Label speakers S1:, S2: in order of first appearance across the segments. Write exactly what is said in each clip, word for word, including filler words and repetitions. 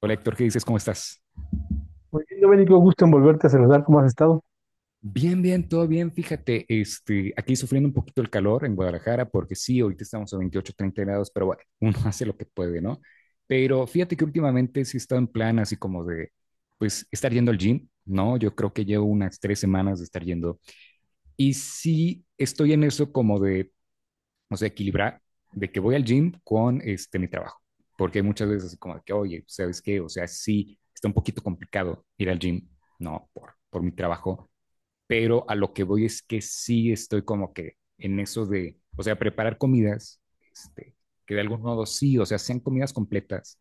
S1: Hola Héctor, ¿qué dices? ¿Cómo estás?
S2: Muy bien, Domenico, gusto en volverte a saludar. ¿Cómo has estado?
S1: Bien, bien, todo bien. Fíjate, este, aquí sufriendo un poquito el calor en Guadalajara, porque sí, ahorita estamos a veintiocho, treinta grados, pero bueno, uno hace lo que puede, ¿no? Pero fíjate que últimamente sí he estado en plan así como de, pues, estar yendo al gym, ¿no? Yo creo que llevo unas tres semanas de estar yendo. Y sí estoy en eso como de, o sea, equilibrar, de que voy al gym con, este, mi trabajo. Porque hay muchas veces así como de que, oye, ¿sabes qué? O sea, sí, está un poquito complicado ir al gym, ¿no? Por, por mi trabajo, pero a lo que voy es que sí estoy como que en eso de, o sea, preparar comidas, este, que de algún modo sí, o sea, sean comidas completas,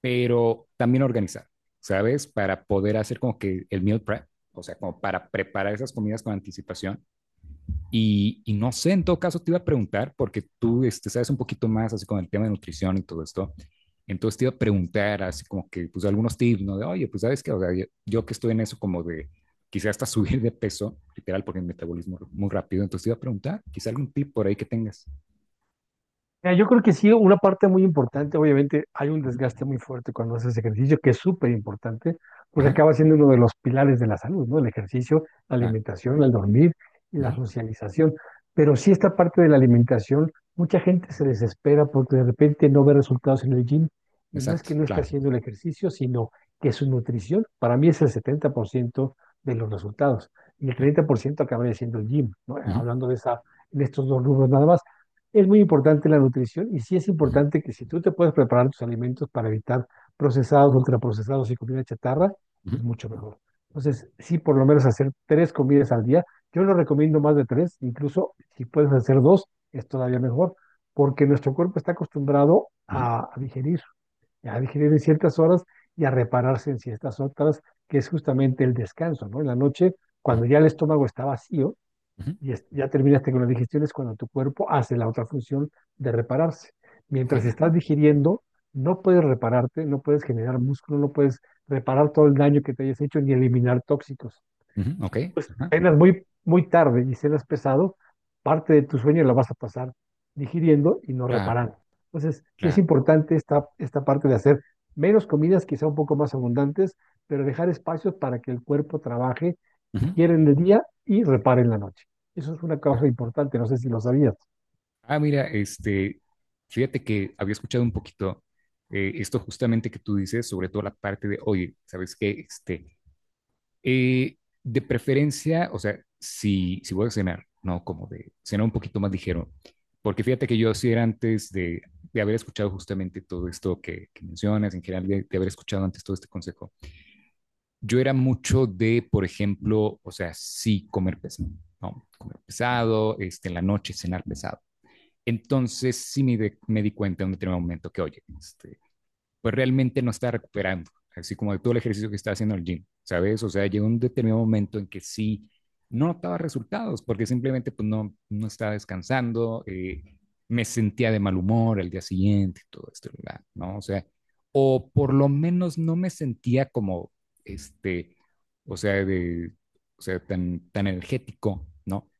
S1: pero también organizar, ¿sabes? Para poder hacer como que el meal prep, o sea, como para preparar esas comidas con anticipación y, y, no sé, en todo caso te iba a preguntar, porque tú este, sabes un poquito más así con el tema de nutrición y todo esto. Entonces te iba a preguntar así como que, pues algunos tips, ¿no? De, oye, pues sabes que, o sea, yo, yo, que estoy en eso como de, quizás hasta subir de peso, literal, porque el metabolismo es muy rápido. Entonces te iba a preguntar, quizá algún tip por ahí que tengas.
S2: Mira, yo creo que sí, una parte muy importante, obviamente hay un desgaste muy fuerte cuando haces ejercicio, que es súper importante, porque
S1: Ajá,
S2: acaba siendo uno de los pilares de la salud, ¿no? El ejercicio, la
S1: claro.
S2: alimentación, el dormir y
S1: Ajá,
S2: la socialización. Pero sí esta parte de la alimentación, mucha gente se desespera porque de repente no ve resultados en el gym y no es
S1: exacto,
S2: que no esté
S1: claro,
S2: haciendo el ejercicio, sino que su nutrición, para mí es el setenta por ciento de los resultados y el
S1: claro.
S2: treinta por ciento acabaría siendo el gym, ¿no?
S1: Ajá,
S2: Hablando de esa, en estos dos rubros nada más. Es muy importante la nutrición y sí es
S1: ajá,
S2: importante que si tú te puedes preparar tus alimentos para evitar procesados, ultraprocesados y comida chatarra, es mucho mejor. Entonces, sí, por lo menos hacer tres comidas al día. Yo no recomiendo más de tres, incluso si puedes hacer dos, es todavía mejor, porque nuestro cuerpo está acostumbrado a, a digerir, a digerir en ciertas horas y a repararse en ciertas otras, que es justamente el descanso, ¿no? En la noche, cuando ya el estómago está vacío, y es- ya terminaste con la digestión, es cuando tu cuerpo hace la otra función de repararse.
S1: ok,
S2: Mientras estás digiriendo, no puedes repararte, no puedes generar músculo, no puedes reparar todo el daño que te hayas hecho ni eliminar tóxicos.
S1: ujú, ok,
S2: Si tú
S1: ajá,
S2: cenas muy, muy tarde y cenas pesado, parte de tu sueño la vas a pasar digiriendo y no
S1: claro,
S2: reparando. Entonces, sí es
S1: claro.
S2: importante esta, esta parte de hacer menos comidas, quizá un poco más abundantes, pero dejar espacios para que el cuerpo trabaje,
S1: Ujú, ajá.
S2: digiere en el día y repare en la noche. Eso es una causa importante, no sé si lo sabías.
S1: Ah, mira, este, fíjate que había escuchado un poquito eh, esto justamente que tú dices, sobre todo la parte de, oye, ¿sabes qué? Este, eh, de preferencia, o sea, si, si voy a cenar, ¿no? Como de cenar un poquito más ligero, porque fíjate que yo sí era antes de, de haber escuchado justamente todo esto que, que mencionas, en general de, de haber escuchado antes todo este consejo, yo era mucho de, por ejemplo, o sea, sí comer pesado, ¿no? Comer pesado, este, en la noche cenar pesado. Entonces sí me, de- me di cuenta en un determinado momento que, oye, este, pues realmente no estaba recuperando, así como de todo el ejercicio que estaba haciendo en el gym, ¿sabes? O sea, llegó un determinado momento en que sí no notaba resultados porque simplemente pues no, no estaba descansando, eh, me sentía de mal humor al día siguiente, todo esto, ¿verdad? ¿No? O sea, o por lo menos no me sentía como, este, o sea, de, o sea, tan, tan energético, ¿no?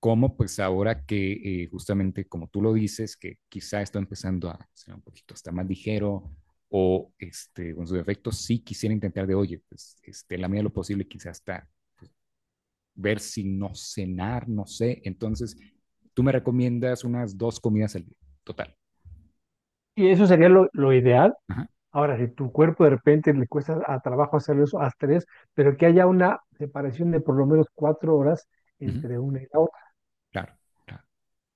S1: Como pues ahora que eh, justamente como tú lo dices, que quizá está empezando a ser un poquito hasta más ligero o este, con sus efectos, sí quisiera intentar de, oye, pues este, en la medida de lo posible quizás hasta ver si no cenar, no sé. Entonces, tú me recomiendas unas dos comidas al día, total.
S2: Y eso sería lo, lo ideal.
S1: Ajá,
S2: Ahora, si tu cuerpo de repente le cuesta a trabajo hacer eso, haz tres, pero que haya una separación de por lo menos cuatro horas
S1: ujú,
S2: entre una y la otra.
S1: claro, claro,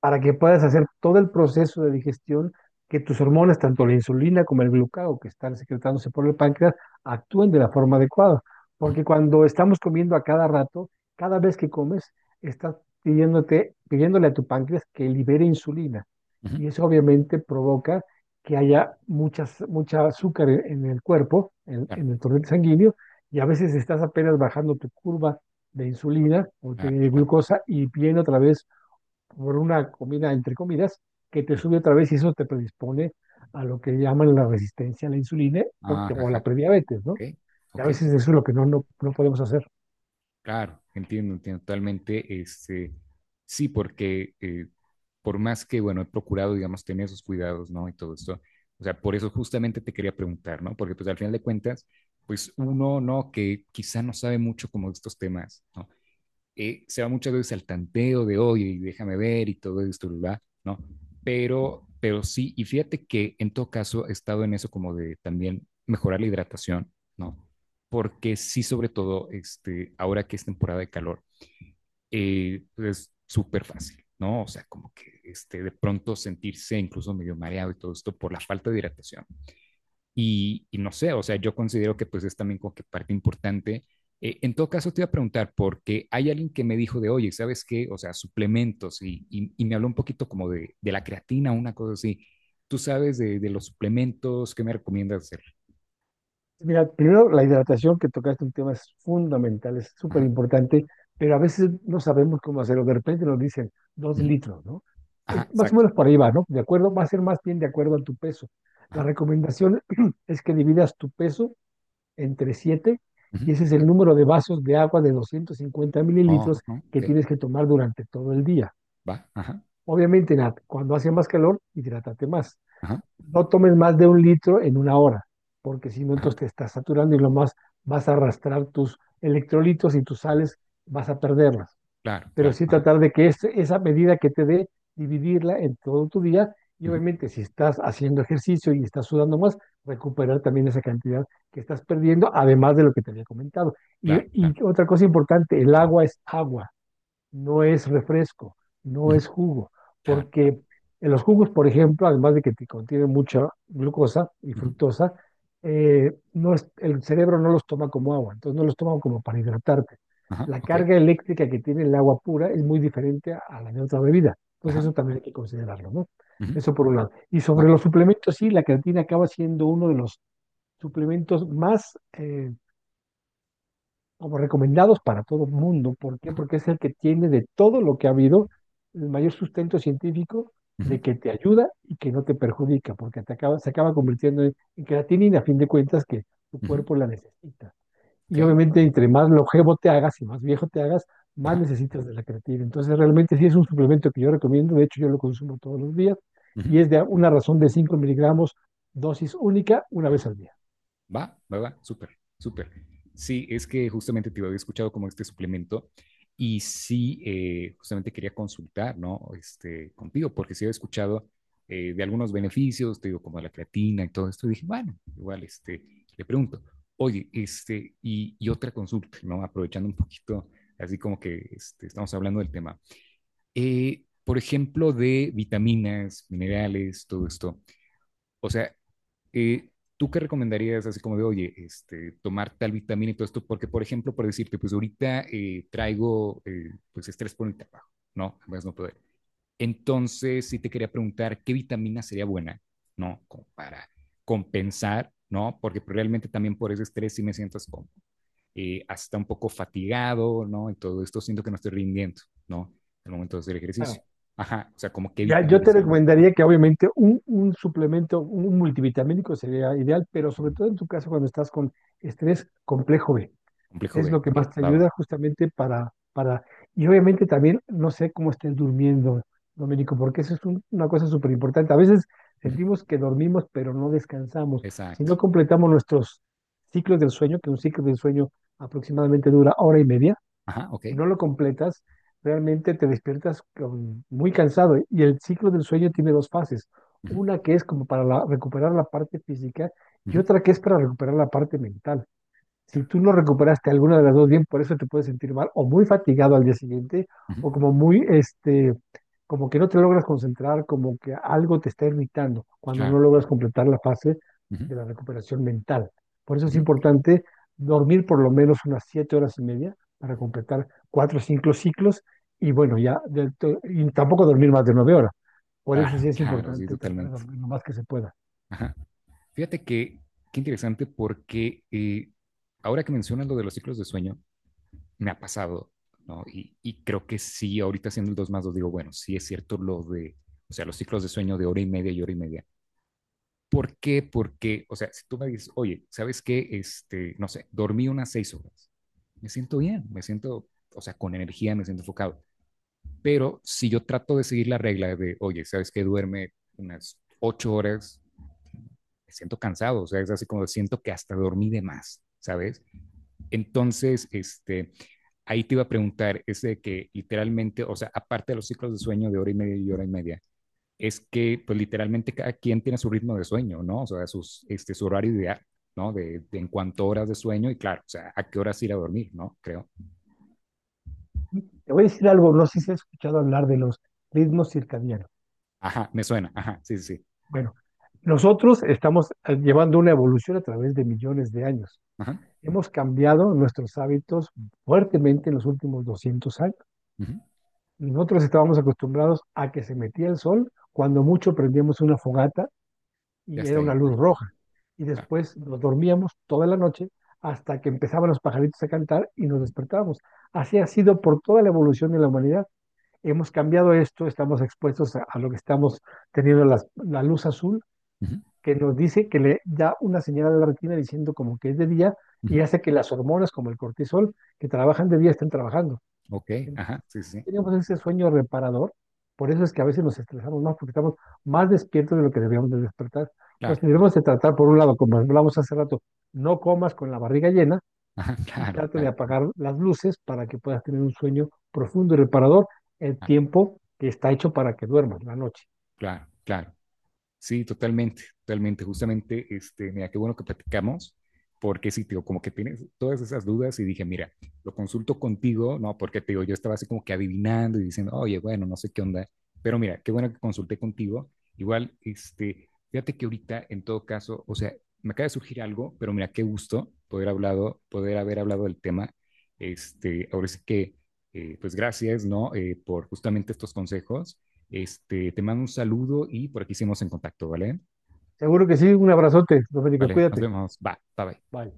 S2: Para que puedas hacer todo el proceso de digestión, que tus hormonas, tanto la insulina como el glucagón que están secretándose por el páncreas, actúen de la forma adecuada.
S1: ujú,
S2: Porque cuando estamos comiendo a cada rato, cada vez que comes, estás pidiéndote, pidiéndole a tu páncreas que libere insulina.
S1: ujú,
S2: Y eso obviamente provoca que haya muchas, mucha azúcar en, en el cuerpo, en,
S1: claro,
S2: en el torrente sanguíneo, y a veces estás apenas bajando tu curva de insulina o
S1: claro,
S2: de
S1: claro.
S2: glucosa y viene otra vez por una comida, entre comidas, que te
S1: Ujú.
S2: sube otra vez y eso te predispone a lo que llaman la resistencia a la insulina
S1: Ajá,
S2: porque, o a la
S1: ajá,
S2: prediabetes,
S1: ok,
S2: ¿no? Y a
S1: ok,
S2: veces eso es lo que no, no, no podemos hacer.
S1: claro, entiendo, entiendo totalmente. Este, sí, porque eh, por más que, bueno, he procurado, digamos, tener esos cuidados, ¿no? Y todo esto. O sea, por eso justamente te quería preguntar, ¿no? Porque pues al final de cuentas, pues uno, ¿no? Que quizá no sabe mucho como de estos temas, ¿no? Eh, se va muchas veces al tanteo de, oye, déjame ver y todo esto, ¿verdad? ¿No? Pero, pero sí, y fíjate que en todo caso he estado en eso como de también mejorar la hidratación, ¿no? Porque sí, sobre todo, este, ahora que es temporada de calor, eh, es súper fácil, ¿no? O sea, como que este, de pronto sentirse incluso medio mareado y todo esto por la falta de hidratación. Y, y no sé, o sea, yo considero que pues es también como que parte importante. Eh, en todo caso, te iba a preguntar, porque hay alguien que me dijo de, oye, ¿sabes qué? O sea, suplementos, y, y, y me habló un poquito como de, de la creatina, una cosa así. ¿Tú sabes de, de los suplementos? ¿Qué me recomiendas hacer?
S2: Mira, primero la hidratación que tocaste un tema es fundamental, es súper
S1: Ajá,
S2: importante, pero a veces no sabemos cómo hacerlo. De repente nos dicen dos
S1: ujú,
S2: litros, ¿no?
S1: ajá,
S2: Es más o
S1: exacto.
S2: menos por
S1: Claro,
S2: ahí va, ¿no? De acuerdo, va a ser más bien de acuerdo a tu peso. La
S1: ajá,
S2: recomendación es que dividas tu peso entre siete
S1: ujú,
S2: y ese es
S1: ok,
S2: el número de vasos de agua de doscientos cincuenta
S1: oh,
S2: mililitros
S1: no,
S2: que
S1: ok,
S2: tienes que tomar durante todo el día.
S1: va, ajá,
S2: Obviamente, Nat, cuando hace más calor, hidrátate más.
S1: ajá,
S2: No tomes más de un litro en una hora, porque si no, entonces
S1: ajá.
S2: te estás saturando y lo más vas a arrastrar tus electrolitos y tus sales, vas a perderlas,
S1: Claro,
S2: pero
S1: claro.
S2: sí
S1: Ajá.
S2: tratar de que es- esa medida que te dé, dividirla en todo tu día y
S1: Ujú,
S2: obviamente si estás haciendo ejercicio y estás sudando más, recuperar también esa cantidad que estás perdiendo, además de lo que te había comentado. Y,
S1: claro, claro.
S2: y otra cosa importante, el agua es agua, no es refresco, no
S1: Ujú,
S2: es jugo,
S1: claro, claro.
S2: porque en los jugos, por ejemplo, además de que te contienen mucha glucosa y
S1: Ujú,
S2: fructosa, eh, no es- el cerebro no los toma como agua, entonces no los toma como para hidratarte.
S1: ajá,
S2: La
S1: ok.
S2: carga eléctrica que tiene el agua pura es muy diferente a a la de otra bebida, entonces
S1: Ajá.
S2: eso también hay que considerarlo, ¿no?
S1: Ujú,
S2: Eso por un lado. Y
S1: va.
S2: sobre los suplementos, sí, la creatina acaba siendo uno de los suplementos más eh, como recomendados para todo el mundo. ¿Por qué?
S1: Ajá.
S2: Porque es el que tiene de todo lo que ha habido el mayor sustento científico
S1: Ujú,
S2: de que te ayuda y que no te perjudica, porque te acaba, se acaba convirtiendo en, en creatinina, a fin de cuentas, que tu
S1: ujú,
S2: cuerpo la necesita.
S1: ok.
S2: Y obviamente, entre más longevo te hagas y más viejo te hagas, más
S1: Ajá.
S2: necesitas de la creatina. Entonces, realmente sí es un suplemento que yo recomiendo, de hecho yo lo consumo todos los días,
S1: Ujú,
S2: y es de una razón de cinco miligramos, dosis única, una vez
S1: ajá,
S2: al día.
S1: va, va, va, súper, súper. Sí, es que justamente te había escuchado como este suplemento y sí, eh, justamente quería consultar, ¿no? Este, contigo, porque sí había escuchado eh, de algunos beneficios, te digo, como la creatina y todo esto, y dije, bueno, igual, este, le pregunto, oye, este, y, y otra consulta, ¿no? Aprovechando un poquito, así como que este, estamos hablando del tema. Eh, por ejemplo, de vitaminas, minerales, todo esto. O sea, eh, ¿tú qué recomendarías así como de, oye, este, tomar tal vitamina y todo esto? Porque, por ejemplo, por decirte, pues ahorita eh, traigo eh, pues estrés por el trabajo, ¿no? Además no poder. Entonces, sí te quería preguntar, ¿qué vitamina sería buena, ¿no? Como para compensar, ¿no? Porque pues, realmente también por ese estrés sí me siento así como eh, hasta un poco fatigado, ¿no? Y todo esto siento que no estoy rindiendo, ¿no? Al momento de hacer ejercicio.
S2: Claro.
S1: Ajá, o sea, como qué
S2: Ya, yo
S1: vitamina
S2: te
S1: sería buena. Ajá,
S2: recomendaría que obviamente un, un suplemento, un multivitamínico sería ideal, pero sobre todo en tu caso cuando estás con estrés, complejo B,
S1: complejo
S2: es
S1: B,
S2: lo que
S1: ok,
S2: más te
S1: va,
S2: ayuda
S1: va.
S2: justamente para, para, y obviamente también no sé cómo estés durmiendo, Domenico, porque eso es un- una cosa súper importante. A veces
S1: Ujú,
S2: sentimos que dormimos, pero no descansamos. Si
S1: exacto.
S2: no completamos nuestros ciclos del sueño, que un ciclo del sueño aproximadamente dura hora y media,
S1: Ajá, ok.
S2: si no lo completas, realmente te despiertas con- muy cansado, ¿eh? Y el ciclo del sueño tiene dos fases.
S1: Ujú,
S2: Una que es como para la- recuperar la parte física y
S1: ujú,
S2: otra que es para recuperar la parte mental. Si
S1: claro,
S2: tú no recuperaste alguna de las dos bien, por eso te puedes sentir mal o muy fatigado al día siguiente
S1: ujú,
S2: o como muy, este, como que no te logras concentrar, como que algo te está irritando cuando no
S1: claro,
S2: logras
S1: claro.
S2: completar la fase
S1: Ujú,
S2: de la recuperación mental. Por eso es
S1: ujú,
S2: importante dormir por lo menos unas siete horas y media para
S1: ujú,
S2: completar cuatro o cinco ciclos y bueno, ya, del to- y tampoco dormir más de nueve horas. Por eso sí
S1: claro,
S2: es
S1: claro, sí,
S2: importante tratar de
S1: totalmente.
S2: dormir lo más que se pueda.
S1: Ajá. Fíjate que, qué interesante porque eh, ahora que mencionas lo de los ciclos de sueño, me ha pasado, ¿no? Y, y creo que sí, ahorita haciendo el dos más dos digo, bueno, sí es cierto lo de, o sea, los ciclos de sueño de hora y media y hora y media. ¿Por qué? Porque, o sea, si tú me dices, oye, ¿sabes qué? Este, no sé, dormí unas seis horas. Me siento bien, me siento, o sea, con energía, me siento enfocado. Pero si yo trato de seguir la regla de, oye, ¿sabes que? Duerme unas ocho horas, me siento cansado, o sea, es así como siento que hasta dormí de más, ¿sabes? Entonces, este, ahí te iba a preguntar, es de que literalmente, o sea, aparte de los ciclos de sueño de hora y media y hora y media, es que, pues literalmente cada quien tiene su ritmo de sueño, ¿no? O sea, sus, este, su horario ideal, ¿no? De, de, en cuanto a horas de sueño y claro, o sea, a qué horas ir a dormir, ¿no? Creo.
S2: Te voy a decir algo, no sé si has escuchado hablar de los ritmos circadianos.
S1: Ajá, me suena, ajá, sí, sí, sí.
S2: Bueno, nosotros estamos eh, llevando una evolución a través de millones de años.
S1: Ajá,
S2: Hemos cambiado nuestros hábitos fuertemente en los últimos doscientos años.
S1: uh -huh.
S2: Nosotros estábamos acostumbrados a que se metía el sol, cuando mucho prendíamos una fogata
S1: Ya
S2: y era
S1: está
S2: una
S1: ahí.
S2: luz roja. Y
S1: Uh
S2: después nos dormíamos toda la noche hasta que empezaban los pajaritos a cantar y nos despertábamos. Así ha sido por toda la evolución de la humanidad. Hemos cambiado esto, estamos expuestos a, a lo que estamos teniendo las- la luz azul
S1: -huh.
S2: que nos dice, que le da una señal a la retina diciendo como que es de día
S1: Uh
S2: y
S1: -huh.
S2: hace que las hormonas como el cortisol que trabajan de día estén trabajando.
S1: Ok,
S2: Entonces,
S1: ajá, sí, sí,
S2: tenemos ese sueño reparador, por eso es que a veces nos estresamos más porque estamos más despiertos de lo que deberíamos de despertar. Entonces,
S1: claro, claro,
S2: debemos de tratar, por un lado, como hablamos hace rato, no comas con la barriga llena
S1: ajá,
S2: y
S1: claro,
S2: trate de
S1: claro,
S2: apagar las luces para que puedas tener un sueño profundo y reparador el
S1: ah,
S2: tiempo que está hecho para que duermas la noche.
S1: claro, claro. Sí, totalmente, totalmente. Justamente, este, mira, qué bueno que platicamos, porque sí, te digo, como que tienes todas esas dudas y dije, mira, lo consulto contigo, ¿no? Porque te digo, yo estaba así como que adivinando y diciendo, oye, bueno, no sé qué onda, pero mira, qué bueno que consulté contigo. Igual, este, fíjate que ahorita, en todo caso, o sea, me acaba de surgir algo, pero mira, qué gusto poder hablado, poder haber hablado del tema. Este, ahora sí que, eh, pues gracias, ¿no? Eh, por justamente estos consejos este, te mando un saludo y por aquí seguimos en contacto, ¿vale?
S2: Seguro que sí, un abrazote, Domenico,
S1: Vale, nos
S2: cuídate.
S1: vemos. Va, bye bye.
S2: Bye.